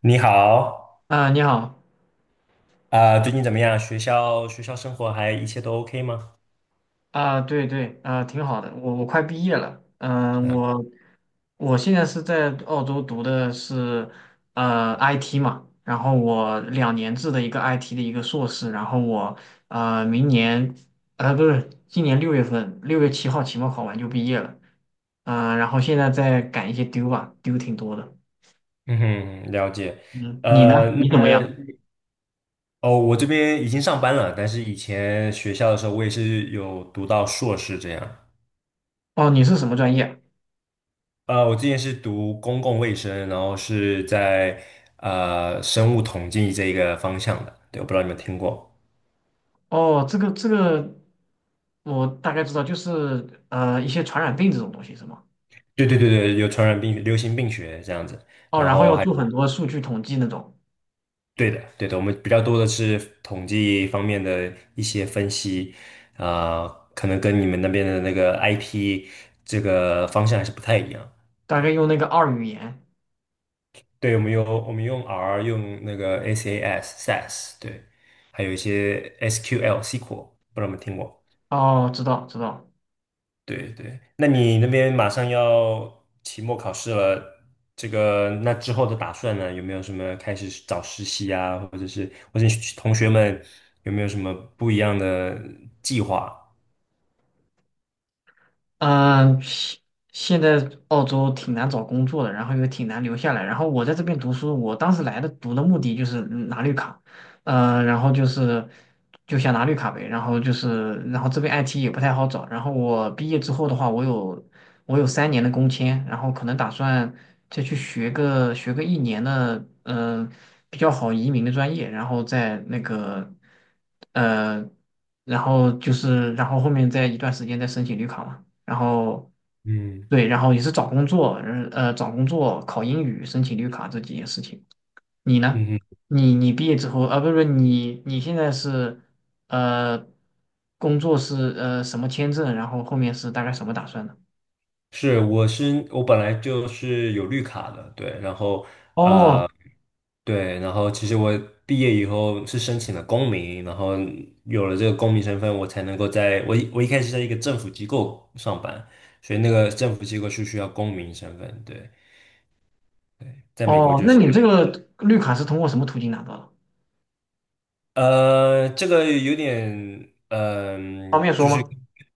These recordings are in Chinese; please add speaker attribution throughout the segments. Speaker 1: 你好，
Speaker 2: 啊，你好
Speaker 1: 啊、最近怎么样？学校生活还一切都 OK 吗？
Speaker 2: 啊，对对啊，挺好的。我快毕业了，
Speaker 1: 是
Speaker 2: 嗯，
Speaker 1: 啊，
Speaker 2: 我现在是在澳洲读的是IT 嘛，然后我两年制的一个 IT 的一个硕士，然后我明年不是今年6月份6月7号期末考完就毕业了，嗯，然后现在在赶一些丢吧，丢挺多的。
Speaker 1: 嗯哼，了解。
Speaker 2: 嗯，你呢？
Speaker 1: 呃，
Speaker 2: 你怎么
Speaker 1: 那
Speaker 2: 样？
Speaker 1: 哦，我这边已经上班了，但是以前学校的时候，我也是有读到硕士这样。
Speaker 2: 哦，你是什么专业？
Speaker 1: 我之前是读公共卫生，然后是在生物统计这一个方向的。对，我不知道你们听过。
Speaker 2: 哦，这个我大概知道，就是一些传染病这种东西是吗？
Speaker 1: 对对对对，有传染病、流行病学这样子，
Speaker 2: 哦，
Speaker 1: 然
Speaker 2: 然后
Speaker 1: 后
Speaker 2: 要
Speaker 1: 还。
Speaker 2: 做很多数据统计那种，
Speaker 1: 对的，对的，我们比较多的是统计方面的一些分析，啊、可能跟你们那边的那个 IP 这个方向还是不太一样。
Speaker 2: 大
Speaker 1: 对，
Speaker 2: 概用那个二语言。
Speaker 1: 对，我们用 R，用那个 SAS，对，还有一些 SQL，不知道你们听过。
Speaker 2: 哦，知道知道。
Speaker 1: 对对，那你那边马上要期末考试了，这个那之后的打算呢？有没有什么开始找实习啊，或者是同学们有没有什么不一样的计划？
Speaker 2: 嗯，在澳洲挺难找工作的，然后又挺难留下来。然后我在这边读书，我当时来的读的目的就是拿绿卡，然后就是就想拿绿卡呗，然后就是，然后这边 IT 也不太好找。然后我毕业之后的话，我有3年的工签，然后可能打算再去学个一年的，嗯、呃比较好移民的专业，然后再那个，呃，然后就是然后后面再一段时间再申请绿卡嘛。然后
Speaker 1: 嗯
Speaker 2: 对，然后也是找工作，找工作、考英语、申请绿卡这几件事情。你呢？
Speaker 1: 嗯，
Speaker 2: 你毕业之后啊，不是不是，你现在是呃，工作是什么签证？然后后面是大概什么打算呢？
Speaker 1: 是，我本来就是有绿卡的，对，然后
Speaker 2: 哦
Speaker 1: 呃，对，然后其实我毕业以后是申请了公民，然后有了这个公民身份，我才能够在我一开始在一个政府机构上班，所以那个政府机构是需要公民身份，对，在美国
Speaker 2: 哦，
Speaker 1: 就
Speaker 2: 那
Speaker 1: 是
Speaker 2: 你这个绿卡是通过什么途径拿到的？
Speaker 1: 这个有点
Speaker 2: 方便说
Speaker 1: 就是
Speaker 2: 吗？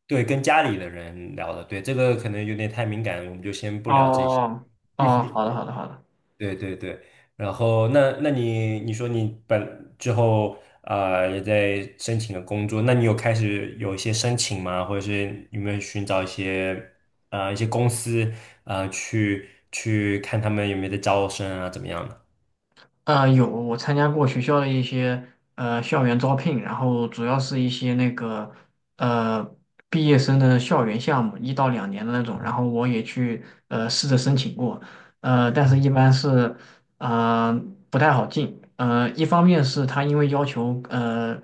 Speaker 1: 对跟家里的人聊的，对，这个可能有点太敏感，我们就先不聊这些。
Speaker 2: 哦哦，好的好的好的。
Speaker 1: 对对对，然后那你说你本之后啊、也在申请了工作，那你有开始有一些申请吗？或者是有没有寻找一些公司啊去看他们有没有在招生啊怎么样的？
Speaker 2: 有我参加过学校的一些校园招聘，然后主要是一些那个呃毕业生的校园项目，1到2年的那种，然后我也去试着申请过，但是
Speaker 1: 嗯
Speaker 2: 一般是呃不太好进，一方面是他因为要求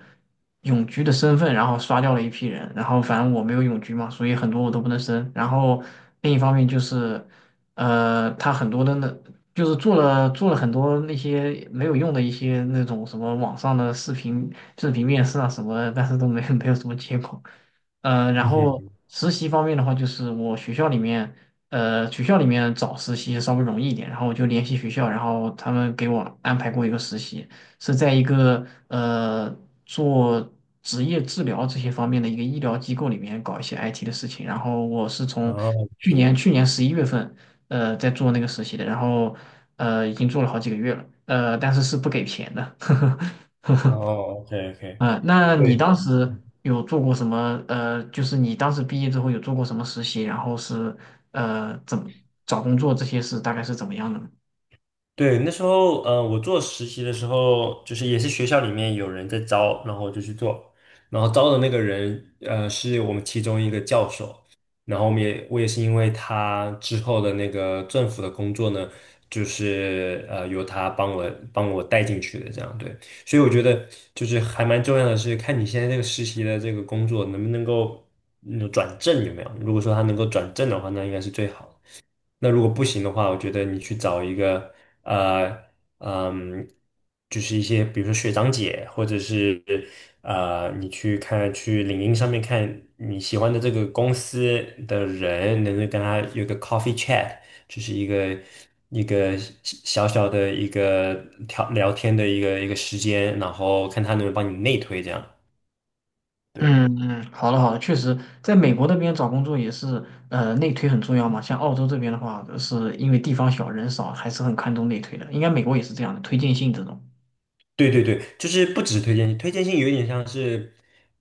Speaker 2: 永居的身份，然后刷掉了一批人，然后反正我没有永居嘛，所以很多我都不能申，然后另一方面就是。他很多的那就是做了很多那些没有用的一些那种什么网上的视频面试啊什么的，但是都没有 没有什么结果。然
Speaker 1: 嗯
Speaker 2: 后
Speaker 1: 哼，
Speaker 2: 实习方面的话，就是我学校里面，学校里面找实习稍微容易一点，然后我就联系学校，然后他们给我安排过一个实习，是在一个做职业治疗这些方面的一个医疗机构里面搞一些 IT 的事情，然后我是从
Speaker 1: 哦
Speaker 2: 去年11月份。在做那个实习的，然后已经做了好几个月了，但是是不给钱的，
Speaker 1: 哦，OK OK。
Speaker 2: 啊、那你当时有做过什么？就是你当时毕业之后有做过什么实习？然后是怎么找工作这些事大概是怎么样的呢？
Speaker 1: 对，那时候，我做实习的时候，就是也是学校里面有人在招，然后我就去做，然后招的那个人，是我们其中一个教授，然后我也是因为他之后的那个政府的工作呢，就是由他帮我带进去的，这样对，所以我觉得就是还蛮重要的是看你现在这个实习的这个工作能不能够转正有没有，如果说他能够转正的话，那应该是最好的。那如果不行的话，我觉得你去找一个呃嗯，就是一些比如说学长姐，或者是你去看去领英上面看你喜欢的这个公司的人，能够跟他有个 coffee chat，就是一个一个小小的一个聊聊天的一个时间，然后看他能不能帮你内推这样。对。
Speaker 2: 嗯嗯，好的好的，确实，在美国那边找工作也是，内推很重要嘛。像澳洲这边的话，是因为地方小人少，还是很看重内推的。应该美国也是这样的，推荐信这种。
Speaker 1: 对对对，就是不只是推荐信，推荐信有一点像是，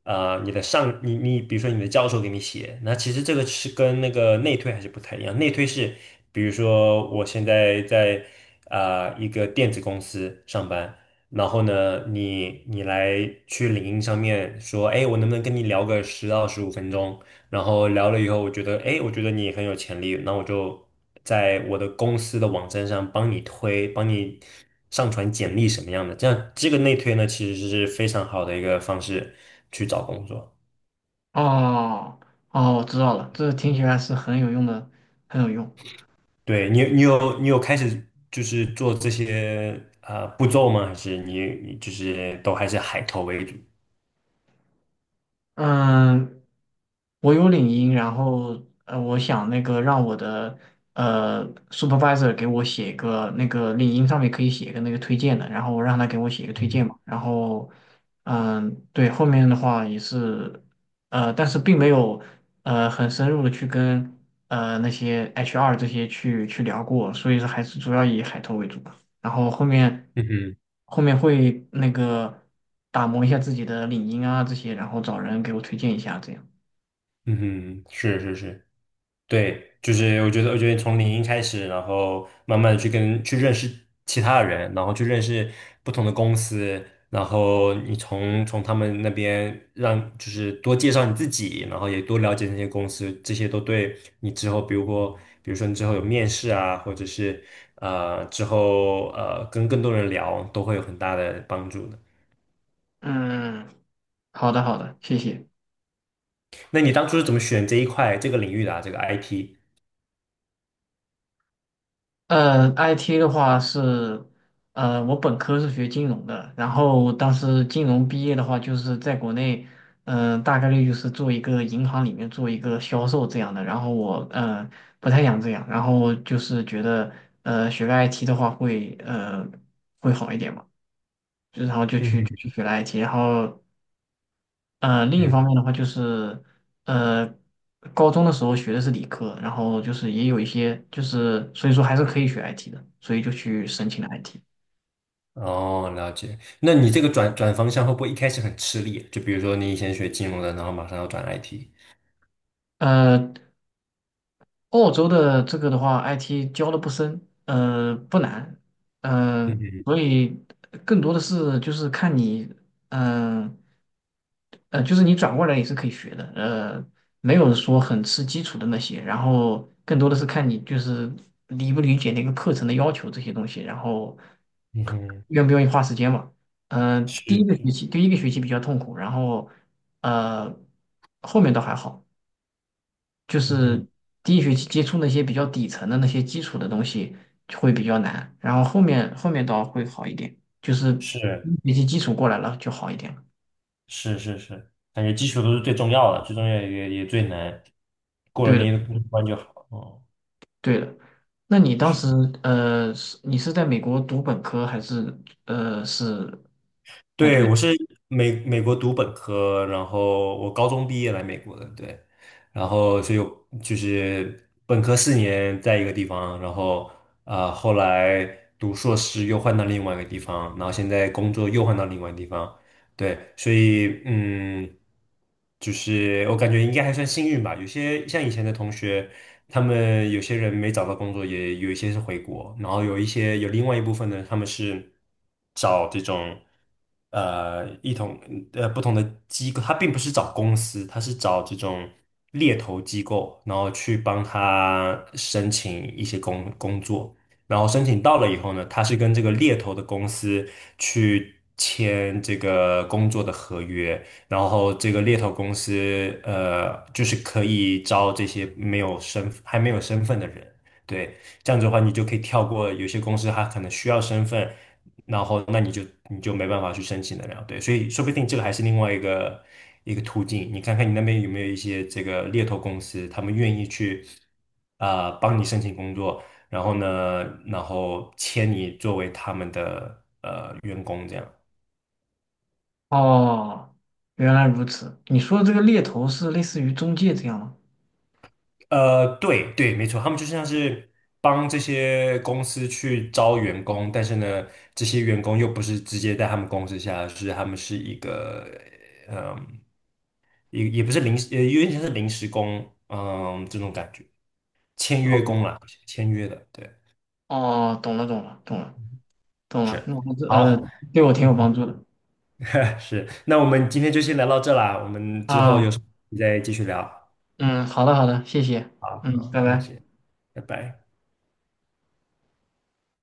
Speaker 1: 啊，你，比如说你的教授给你写，那其实这个是跟那个内推还是不太一样。内推是，比如说我现在在一个电子公司上班，然后呢，你来去领英上面说，哎，我能不能跟你聊个10到15分钟？然后聊了以后，我觉得，哎，我觉得你很有潜力，那我就在我的公司的网站上帮你推，帮你上传简历什么样的，这样这个内推呢，其实是非常好的一个方式去找工作。
Speaker 2: 哦哦，我知道了，这听起来是很有用的，很有用。
Speaker 1: 对，你，你有开始就是做这些啊、步骤吗？还是你就是都还是海投为主？
Speaker 2: 嗯，我有领英，然后我想那个让我的supervisor 给我写一个那个领英上面可以写一个那个推荐的，然后我让他给我写一个推
Speaker 1: 嗯哼，
Speaker 2: 荐嘛。然后嗯，对，后面的话也是，但是并没有很深入的去跟那些 HR 这些去聊过，所以说还是主要以海投为主。然后后面
Speaker 1: 嗯哼，
Speaker 2: 后面会那个打磨一下自己的领英啊这些，然后找人给我推荐一下这样。
Speaker 1: 嗯哼，是是是。对，就是我觉得从零开始，然后慢慢的去认识其他的人，然后去认识不同的公司，然后你从他们那边让就是多介绍你自己，然后也多了解那些公司，这些都对你之后，比如说你之后有面试啊，或者是之后跟更多人聊，都会有很大的帮助的。
Speaker 2: 嗯，好的好的，谢谢。
Speaker 1: 那你当初是怎么选这一块这个领域的啊？这个 IT？
Speaker 2: IT 的话是，我本科是学金融的，然后当时金融毕业的话，就是在国内，大概率就是做一个银行里面做一个销售这样的。然后我，不太想这样，然后就是觉得，学个 IT 的话会，会好一点嘛。就然后就去就
Speaker 1: 嗯
Speaker 2: 去学了 IT，然后另一
Speaker 1: 嗯，
Speaker 2: 方面的话就是呃高中的时候学的是理科，然后就是也有一些就是所以说还是可以学 IT 的，所以就去申请了 IT。
Speaker 1: 哦，了解。那你这个转方向会不会一开始很吃力？就比如说你以前学金融的，然后马上要转 IT。
Speaker 2: 呃，澳洲的这个的话，IT 教的不深，不难，
Speaker 1: 嗯哼
Speaker 2: 所以更多的是就是看你，嗯、就是你转过来也是可以学的，没有说很吃基础的那些，然后更多的是看你就是理不理解那个课程的要求这些东西，然后
Speaker 1: 嗯哼，
Speaker 2: 愿不愿意花时间嘛。第
Speaker 1: 是
Speaker 2: 一个学
Speaker 1: 是，
Speaker 2: 期，第一个学期比较痛苦，然后呃，后面倒还好。就
Speaker 1: 嗯，
Speaker 2: 是第一学期接触那些比较底层的那些基础的东西就会比较难，然后后面倒会好一点，就是第
Speaker 1: 是
Speaker 2: 一学期基础过来了就好一点了。
Speaker 1: 是是是，感觉基础都是最重要的，最重要也最难，过了
Speaker 2: 对
Speaker 1: 那
Speaker 2: 的，
Speaker 1: 一关就好。哦，
Speaker 2: 对的。那你当
Speaker 1: 是。
Speaker 2: 时是你是在美国读本科还是是在读
Speaker 1: 对，
Speaker 2: 研？
Speaker 1: 我是美国读本科，然后我高中毕业来美国的，对，然后所以我就是本科4年在一个地方，然后啊、后来读硕士又换到另外一个地方，然后现在工作又换到另外一个地方，对，所以就是我感觉应该还算幸运吧。有些像以前的同学，他们有些人没找到工作，也有一些是回国，然后有一些有另外一部分呢，他们是找这种呃一同呃不同的机构，他并不是找公司，他是找这种猎头机构，然后去帮他申请一些工作。然后申请到了以后呢，他是跟这个猎头的公司去签这个工作的合约，然后这个猎头公司就是可以招这些没有身份的人，对，这样子的话你就可以跳过有些公司他可能需要身份，然后那你就没办法去申请得了，对，所以说不定这个还是另外一个途径，你看看你那边有没有一些这个猎头公司，他们愿意去啊、帮你申请工作。然后呢，然后签你作为他们的员工这样。
Speaker 2: 哦，原来如此。你说的这个猎头是类似于中介这样吗？
Speaker 1: 对对，没错，他们就像是帮这些公司去招员工，但是呢，这些员工又不是直接在他们公司下，是他们是一个也不是临时，有点像是临时工，这种感觉，签约
Speaker 2: 哦，
Speaker 1: 工啦，签约的，对，
Speaker 2: 哦，懂了，懂了，懂了，懂了。
Speaker 1: 是，
Speaker 2: 那我还是
Speaker 1: 好，
Speaker 2: 对我挺有帮
Speaker 1: 嗯
Speaker 2: 助的
Speaker 1: 哼，是，那我们今天就先聊到这啦，我们之后有
Speaker 2: 啊。
Speaker 1: 什么再继续聊，
Speaker 2: 嗯，好的好的，谢谢，
Speaker 1: 好，
Speaker 2: 嗯，
Speaker 1: 好，
Speaker 2: 拜
Speaker 1: 没
Speaker 2: 拜。
Speaker 1: 事，拜拜。